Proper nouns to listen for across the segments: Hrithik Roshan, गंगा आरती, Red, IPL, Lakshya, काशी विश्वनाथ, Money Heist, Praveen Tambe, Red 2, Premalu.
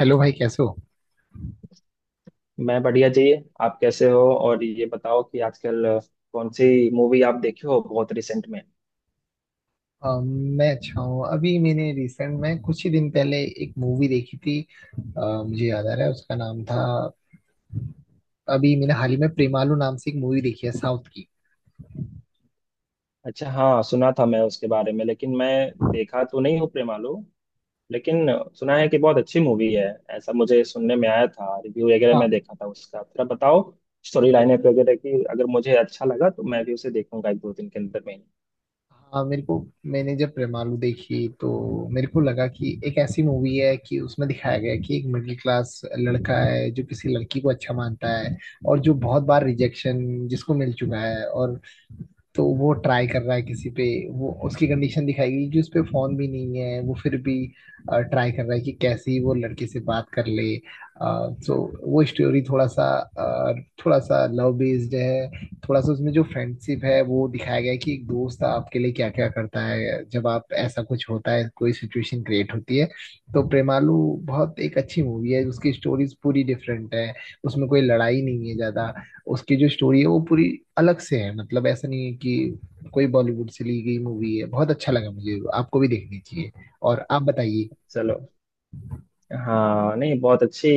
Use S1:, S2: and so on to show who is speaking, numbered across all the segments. S1: Hello भाई, कैसे हो?
S2: मैं बढ़िया जी। आप कैसे हो? और ये बताओ कि आजकल कौन सी मूवी आप देखे हो बहुत रिसेंट में?
S1: अ, मैं अच्छा हूँ। अभी मैंने रिसेंट में कुछ ही दिन पहले एक मूवी देखी थी। अ, मुझे याद आ रहा है उसका नाम था। अभी मैंने हाल ही में प्रेमालू नाम से एक मूवी देखी है साउथ की।
S2: अच्छा, हाँ सुना था मैं उसके बारे में, लेकिन मैं देखा तो नहीं हूँ प्रेमालू, लेकिन सुना है कि बहुत अच्छी मूवी है। ऐसा मुझे सुनने में आया था, रिव्यू वगैरह
S1: हाँ।
S2: मैं देखा था उसका। थोड़ा बताओ स्टोरी लाइन वगैरह की, अगर मुझे अच्छा लगा तो मैं भी उसे देखूंगा एक दो दिन के अंदर में ही।
S1: हाँ, मेरे को मैंने जब प्रेमालू देखी तो मेरे को लगा कि एक ऐसी मूवी है कि उसमें दिखाया गया है कि एक मिडिल क्लास लड़का है जो किसी लड़की को अच्छा मानता है। और जो बहुत बार रिजेक्शन जिसको मिल चुका है, और तो वो ट्राई कर रहा है किसी पे। वो उसकी कंडीशन दिखाएगी कि उस पे फोन भी नहीं है, वो फिर भी ट्राई कर रहा है कि कैसे ही वो लड़के से बात कर ले। सो वो स्टोरी अ, थोड़ा सा लव बेस्ड है, थोड़ा सा उसमें जो फ्रेंडशिप है वो दिखाया गया है कि एक दोस्त आपके लिए क्या क्या करता है जब आप ऐसा कुछ होता है, कोई सिचुएशन क्रिएट होती है। तो प्रेमालू बहुत एक अच्छी मूवी है, उसकी स्टोरीज पूरी डिफरेंट है। उसमें कोई लड़ाई नहीं है ज्यादा। उसकी जो स्टोरी है वो पूरी अलग से है, मतलब ऐसा नहीं है कि कोई बॉलीवुड से ली गई मूवी है। बहुत अच्छा लगा मुझे, आपको भी देखनी चाहिए। और आप बताइए।
S2: चलो, हाँ नहीं, बहुत अच्छी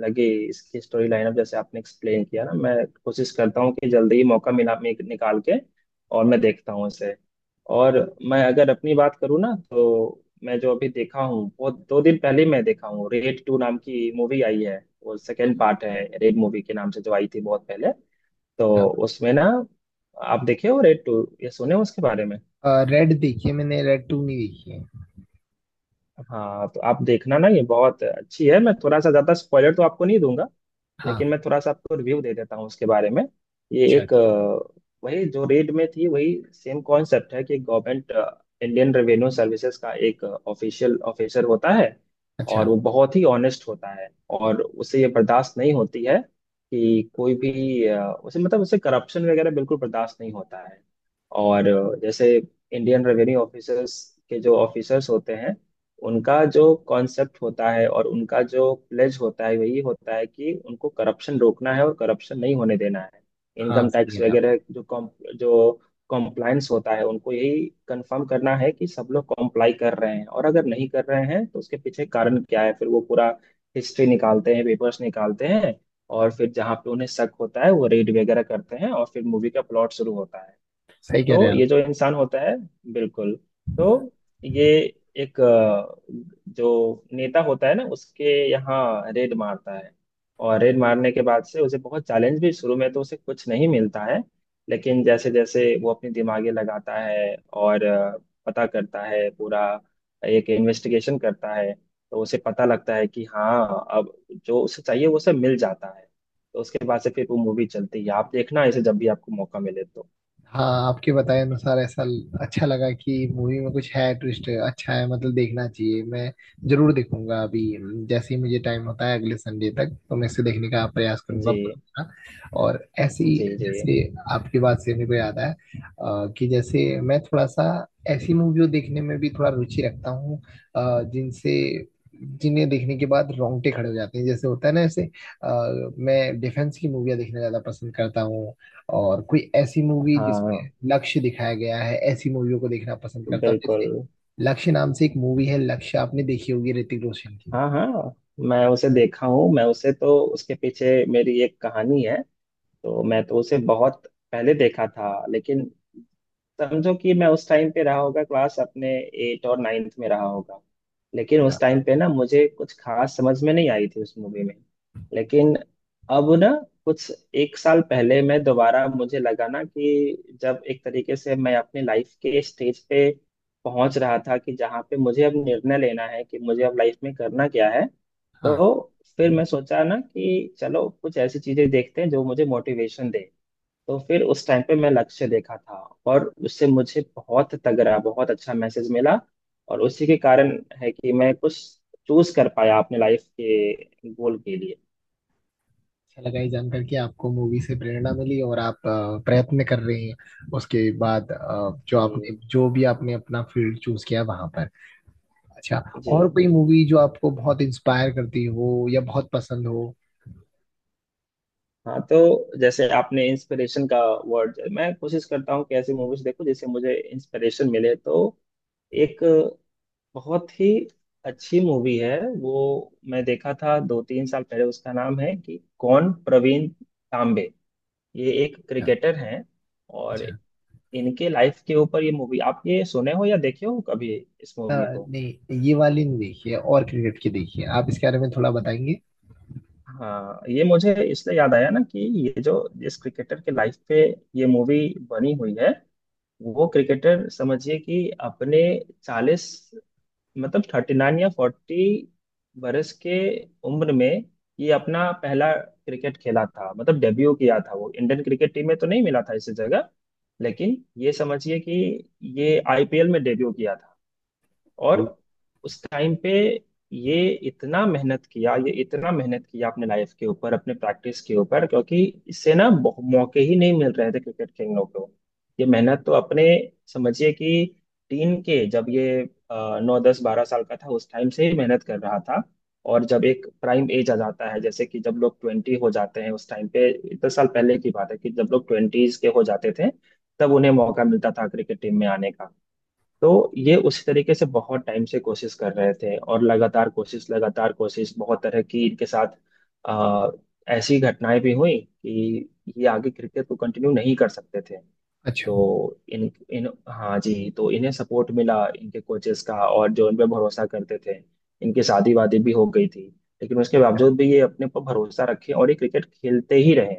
S2: लगी इसकी स्टोरी लाइनअप जैसे आपने एक्सप्लेन किया ना। मैं कोशिश करता हूँ कि जल्दी ही मौका मिला मैं निकाल के और मैं देखता हूँ इसे। और मैं अगर अपनी बात करूँ ना, तो मैं जो अभी देखा हूँ वो 2 दिन पहले ही मैं देखा हूँ, रेड टू नाम की मूवी आई है। वो सेकेंड पार्ट है रेड मूवी के, नाम से जो आई थी बहुत पहले।
S1: अच्छा।
S2: तो उसमें ना, आप देखे हो रेड टू? ये सुने हो उसके बारे में?
S1: रेड देखिए, मैंने रेड टू नहीं देखी है।
S2: हाँ तो आप देखना ना, ये बहुत अच्छी है। मैं थोड़ा सा ज्यादा स्पॉइलर तो आपको नहीं दूंगा,
S1: हाँ।
S2: लेकिन मैं थोड़ा सा आपको रिव्यू दे देता हूँ उसके बारे में। ये
S1: अच्छा,
S2: एक
S1: अच्छा।
S2: वही जो रेड में थी वही सेम कॉन्सेप्ट है कि गवर्नमेंट इंडियन रेवेन्यू सर्विसेज का एक ऑफिशियल ऑफिसर होता है।
S1: अच्छा,
S2: और वो बहुत ही ऑनेस्ट होता है, और उसे ये बर्दाश्त नहीं होती है कि कोई भी उसे, मतलब उसे करप्शन वगैरह बिल्कुल बर्दाश्त नहीं होता है। और जैसे इंडियन रेवेन्यू ऑफिसर्स के जो ऑफिसर्स होते हैं, उनका जो कॉन्सेप्ट होता है और उनका जो प्लेज होता है वही होता है कि उनको करप्शन रोकना है और करप्शन नहीं होने देना है।
S1: हाँ,
S2: इनकम
S1: सही कह
S2: टैक्स
S1: रहे हैं आप।
S2: वगैरह जो जो कॉम्प्लायंस होता है, उनको यही कंफर्म करना है कि सब लोग कॉम्प्लाई कर रहे हैं, और अगर नहीं कर रहे हैं तो उसके पीछे कारण क्या है। फिर वो पूरा हिस्ट्री निकालते हैं, पेपर्स निकालते हैं, और फिर जहाँ पे उन्हें शक होता है वो रेड वगैरह करते हैं और फिर मूवी का प्लॉट शुरू होता है।
S1: सही कह रहे
S2: तो
S1: हैं आप।
S2: ये जो इंसान होता है, बिल्कुल, तो ये एक जो नेता होता है ना उसके यहाँ रेड मारता है। और रेड मारने के बाद से उसे बहुत चैलेंज भी, शुरू में तो उसे कुछ नहीं मिलता है। लेकिन जैसे जैसे वो अपनी दिमागे लगाता है और पता करता है पूरा, एक इन्वेस्टिगेशन करता है, तो उसे पता लगता है कि हाँ अब जो उसे चाहिए वो उसे मिल जाता है। तो उसके बाद से फिर वो मूवी चलती है। आप देखना इसे जब भी आपको मौका मिले तो।
S1: हाँ, आपके बताए अनुसार ऐसा अच्छा लगा कि मूवी में कुछ है, ट्विस्ट अच्छा है, मतलब देखना चाहिए। मैं जरूर देखूंगा। अभी जैसे ही मुझे टाइम होता है, अगले संडे तक तो मैं इसे देखने का प्रयास करूंगा
S2: जी
S1: पूरा। और ऐसी
S2: जी जी।
S1: जैसे, आपकी बात से मेरे को याद आया, कि जैसे मैं थोड़ा सा ऐसी मूवियों देखने में भी थोड़ा रुचि रखता हूँ। जिनसे जिन्हें देखने के बाद रोंगटे खड़े हो जाते हैं, जैसे होता है ना, ऐसे। अ, मैं डिफेंस की मूवियाँ देखना ज्यादा पसंद करता हूँ। और कोई ऐसी मूवी जिसमें
S2: हाँ
S1: लक्ष्य दिखाया गया है, ऐसी मूवियों को देखना पसंद करता हूँ।
S2: बिल्कुल।
S1: जैसे लक्ष्य नाम से एक मूवी है, लक्ष्य आपने देखी होगी ऋतिक रोशन की।
S2: हाँ हाँ, मैं उसे देखा हूँ। मैं उसे, तो उसके पीछे मेरी एक कहानी है। तो मैं तो उसे बहुत पहले देखा था, लेकिन समझो कि मैं उस टाइम पे रहा होगा, क्लास अपने एट और नाइन्थ में रहा होगा। लेकिन
S1: हाँ,
S2: उस टाइम पे ना मुझे कुछ खास समझ में नहीं आई थी उस मूवी में। लेकिन अब ना, कुछ एक साल पहले मैं दोबारा, मुझे लगा ना कि जब एक तरीके से मैं अपनी लाइफ के स्टेज पे पहुंच रहा था कि जहाँ पे मुझे अब निर्णय लेना है कि मुझे अब लाइफ में करना क्या है।
S1: हाँ।
S2: तो फिर मैं सोचा ना कि चलो कुछ ऐसी चीजें देखते हैं जो मुझे मोटिवेशन दे। तो फिर उस टाइम पे मैं लक्ष्य देखा था। और उससे मुझे बहुत तगड़ा, बहुत अच्छा मैसेज मिला। और उसी के कारण है कि मैं कुछ चूज कर पाया अपने लाइफ के गोल के लिए।
S1: अच्छा लगा ये जानकर कि आपको मूवी से प्रेरणा मिली और आप प्रयत्न कर रहे हैं उसके बाद
S2: जी
S1: जो भी आपने अपना फील्ड चूज किया वहां पर। अच्छा।
S2: जी।
S1: और कोई मूवी जो आपको बहुत इंस्पायर करती हो या बहुत पसंद हो?
S2: हाँ तो जैसे आपने इंस्पिरेशन का वर्ड, मैं कोशिश करता हूँ कि ऐसी मूवीज देखूं जिससे मुझे इंस्पिरेशन मिले। तो एक बहुत ही अच्छी मूवी है वो, मैं देखा था दो तीन साल पहले। उसका नाम है कि कौन प्रवीण तांबे। ये एक
S1: हाँ।
S2: क्रिकेटर हैं, और
S1: अच्छा।
S2: इनके लाइफ के ऊपर ये मूवी। आप ये सुने हो या देखे हो कभी इस
S1: अ,
S2: मूवी को?
S1: नहीं, ये वाली नहीं देखी है। और क्रिकेट की देखी है, आप इसके बारे में थोड़ा बताएंगे?
S2: हाँ ये मुझे इसलिए याद आया ना कि ये जो जिस क्रिकेटर के लाइफ पे ये मूवी बनी हुई है, वो क्रिकेटर समझिए कि अपने 40, मतलब 39 या 40 बरस के उम्र में ये अपना पहला क्रिकेट खेला था, मतलब डेब्यू किया था। वो इंडियन क्रिकेट टीम में तो नहीं मिला था इस जगह, लेकिन ये समझिए कि ये आईपीएल में डेब्यू किया था। और
S1: ओ।
S2: उस टाइम पे ये इतना मेहनत किया, ये इतना मेहनत किया अपने लाइफ के ऊपर, अपने प्रैक्टिस के ऊपर, क्योंकि इससे ना मौके ही नहीं मिल रहे थे क्रिकेट खेलने को। ये मेहनत तो अपने समझिए कि टीन के, जब ये 9 10 12 साल का था उस टाइम से ही मेहनत कर रहा था। और जब एक प्राइम एज आ जाता है, जैसे कि जब लोग 20 हो जाते हैं उस टाइम पे, 10 साल पहले की बात है कि जब लोग ट्वेंटीज के हो जाते थे तब उन्हें मौका मिलता था क्रिकेट टीम में आने का। तो ये उसी तरीके से बहुत टाइम से कोशिश कर रहे थे, और लगातार कोशिश लगातार कोशिश, बहुत तरह की इनके साथ आ, ऐसी घटनाएं भी हुई कि ये आगे क्रिकेट को कंटिन्यू नहीं कर सकते थे।
S1: अच्छा।
S2: तो इन इन हाँ जी, तो इन्हें सपोर्ट मिला इनके कोचेस का और जो इन पे भरोसा करते थे। इनकी शादी वादी भी हो गई थी, लेकिन उसके बावजूद भी ये अपने पर भरोसा रखे और ये क्रिकेट खेलते ही रहे।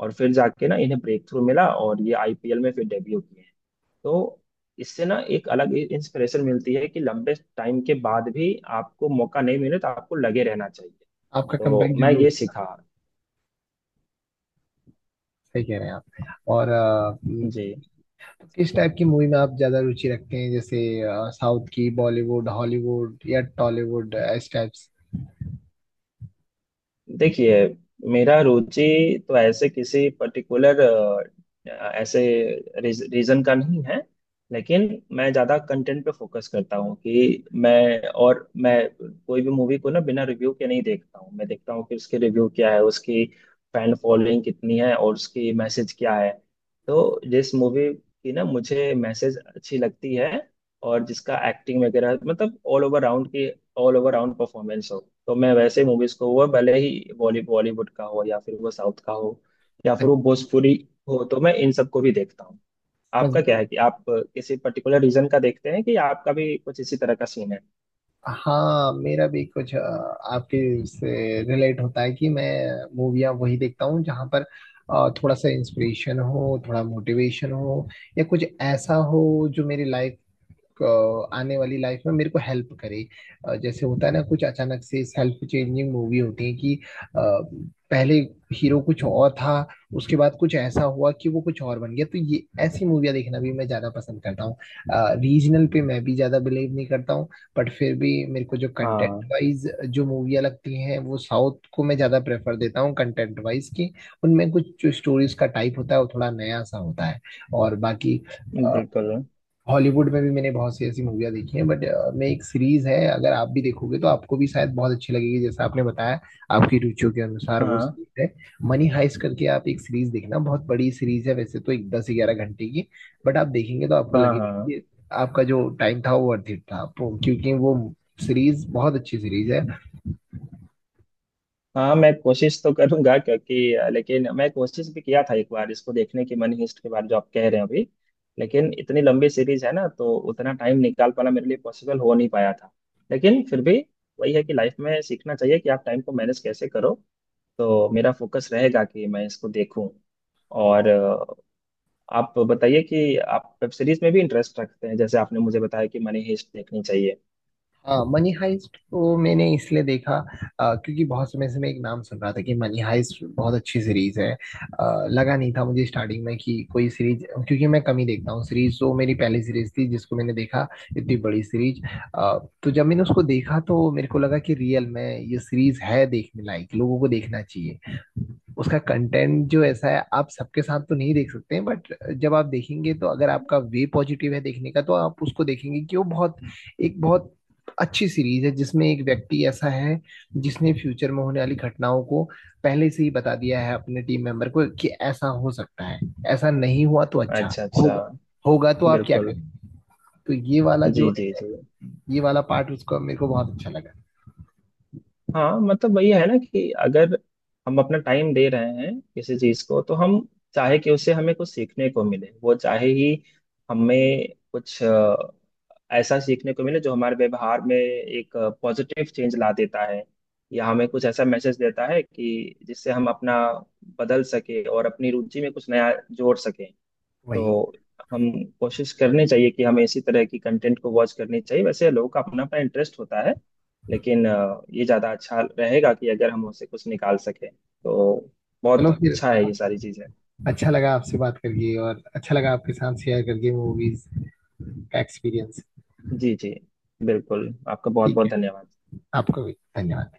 S2: और फिर जाके ना इन्हें ब्रेक थ्रू मिला और ये आईपीएल में फिर डेब्यू किए। तो इससे ना एक अलग इंस्पिरेशन मिलती है कि लंबे टाइम के बाद भी आपको मौका नहीं मिले तो आपको लगे रहना चाहिए।
S1: आपका
S2: तो
S1: कमबैक
S2: मैं
S1: जरूर।
S2: ये सीखा।
S1: सही कह रहे हैं आप। और
S2: जी।
S1: किस टाइप की मूवी में आप ज्यादा रुचि रखते हैं? जैसे साउथ की, बॉलीवुड, हॉलीवुड या टॉलीवुड, इस टाइप से।
S2: देखिए, मेरा रुचि तो ऐसे किसी पर्टिकुलर ऐसे रीजन का नहीं है, लेकिन मैं ज़्यादा कंटेंट पे फोकस करता हूँ कि मैं, और मैं कोई भी मूवी को ना बिना रिव्यू के नहीं देखता हूँ। मैं देखता हूँ कि उसके रिव्यू क्या है, उसकी फैन फॉलोइंग कितनी है, और उसकी मैसेज क्या है। तो जिस मूवी की ना मुझे मैसेज अच्छी लगती है, और जिसका एक्टिंग वगैरह मतलब ऑल ओवर राउंड के, ऑल ओवर राउंड परफॉर्मेंस हो, तो मैं वैसे मूवीज को वो भले ही बॉलीवुड का हो, या फिर वो साउथ का हो, या फिर
S1: अच्छा,
S2: वो भोजपुरी हो, तो मैं इन सबको भी देखता हूँ।
S1: समझ
S2: आपका क्या
S1: गया।
S2: है कि आप किसी पर्टिकुलर रीजन का देखते हैं, कि आपका भी कुछ इसी तरह का सीन है?
S1: हाँ, मेरा भी कुछ आपके से रिलेट होता है कि मैं मूवियाँ वही देखता हूँ जहाँ पर थोड़ा सा इंस्पिरेशन हो, थोड़ा मोटिवेशन हो, या कुछ ऐसा हो जो आने वाली लाइफ में मेरे को हेल्प करे। जैसे होता है ना, कुछ अचानक से सेल्फ चेंजिंग मूवी होती है कि अ, पहले हीरो कुछ और था, उसके बाद कुछ ऐसा हुआ कि वो कुछ और बन गया। तो ये ऐसी मूवियाँ देखना भी मैं ज्यादा पसंद करता हूँ। रीजनल पे मैं भी ज्यादा बिलीव नहीं करता हूँ, बट फिर भी मेरे को जो कंटेंट
S2: हाँ
S1: वाइज जो मूवियाँ लगती हैं, वो साउथ को मैं ज्यादा प्रेफर देता हूँ कंटेंट वाइज, की उनमें कुछ जो स्टोरीज का टाइप होता है वो थोड़ा नया सा होता है। और बाकी
S2: बिल्कुल।
S1: हॉलीवुड में भी मैंने बहुत सी ऐसी मूवियाँ देखी हैं। बट मैं, एक सीरीज है अगर आप भी देखोगे तो आपको भी शायद बहुत अच्छी लगेगी, जैसा आपने बताया आपकी रुचियों के अनुसार वो
S2: हाँ
S1: सीरीज है। मनी हाइस्ट करके आप एक सीरीज देखना। बहुत बड़ी सीरीज है वैसे तो, एक 10 11 घंटे की। बट आप देखेंगे तो आपको
S2: हाँ।
S1: लगेगा
S2: हाँ
S1: कि आपका जो टाइम था वो वर्थ इट था। क्योंकि वो सीरीज बहुत अच्छी सीरीज है।
S2: हाँ, मैं कोशिश तो करूंगा क्योंकि लेकिन मैं कोशिश भी किया था एक बार इसको देखने की, मनी हिस्ट के बाद जो आप कह रहे हैं अभी। लेकिन इतनी लंबी सीरीज है ना तो उतना टाइम निकाल पाना मेरे लिए पॉसिबल हो नहीं पाया था। लेकिन फिर भी वही है कि लाइफ में सीखना चाहिए कि आप टाइम को मैनेज कैसे करो। तो मेरा फोकस रहेगा कि मैं इसको देखूं। और आप बताइए कि आप वेब सीरीज में भी इंटरेस्ट रखते हैं, जैसे आपने मुझे बताया कि मनी हिस्ट देखनी चाहिए।
S1: हाँ, मनी हाइस्ट को मैंने इसलिए देखा, क्योंकि बहुत समय से मैं एक नाम सुन रहा था कि मनी हाइस्ट बहुत अच्छी सीरीज है। लगा नहीं था मुझे स्टार्टिंग में कि कोई सीरीज, क्योंकि मैं कम ही देखता हूँ सीरीज। तो मेरी पहली सीरीज थी जिसको मैंने देखा, इतनी बड़ी सीरीज। तो जब मैंने उसको देखा तो मेरे को लगा कि रियल में ये सीरीज है देखने लायक, लोगों को देखना चाहिए। उसका कंटेंट जो ऐसा है आप सबके साथ तो नहीं देख सकते हैं, बट जब आप देखेंगे तो अगर आपका वे पॉजिटिव है देखने का, तो आप उसको देखेंगे कि वो बहुत एक बहुत अच्छी सीरीज है, जिसमें एक व्यक्ति ऐसा है जिसने फ्यूचर में होने वाली घटनाओं को पहले से ही बता दिया है अपने टीम मेंबर को कि ऐसा हो सकता है, ऐसा नहीं हुआ तो अच्छा
S2: अच्छा अच्छा।
S1: होगा। होगा तो आप क्या
S2: बिल्कुल।
S1: करेंगे? तो
S2: जी जी जी।
S1: ये वाला पार्ट उसका मेरे को बहुत अच्छा लगा।
S2: हाँ मतलब वही है ना कि अगर हम अपना टाइम दे रहे हैं किसी चीज को, तो हम चाहे कि उससे हमें कुछ सीखने को मिले, वो चाहे ही हमें कुछ ऐसा सीखने को मिले जो हमारे व्यवहार में एक पॉजिटिव चेंज ला देता है, या हमें कुछ ऐसा मैसेज देता है कि जिससे हम अपना बदल सके और अपनी रुचि में कुछ नया जोड़ सके।
S1: वही।
S2: तो हम कोशिश करनी चाहिए कि हमें इसी तरह की कंटेंट को वॉच करनी चाहिए। वैसे लोगों का अपना अपना इंटरेस्ट होता है, लेकिन ये ज़्यादा अच्छा रहेगा कि अगर हम उसे कुछ निकाल सकें तो बहुत
S1: चलो फिर,
S2: अच्छा है ये सारी चीज़ें।
S1: अच्छा लगा आपसे बात करके और अच्छा लगा आपके साथ शेयर करके मूवीज का एक्सपीरियंस।
S2: जी जी। बिल्कुल आपका बहुत
S1: ठीक
S2: बहुत
S1: है।
S2: धन्यवाद।
S1: आपका भी धन्यवाद।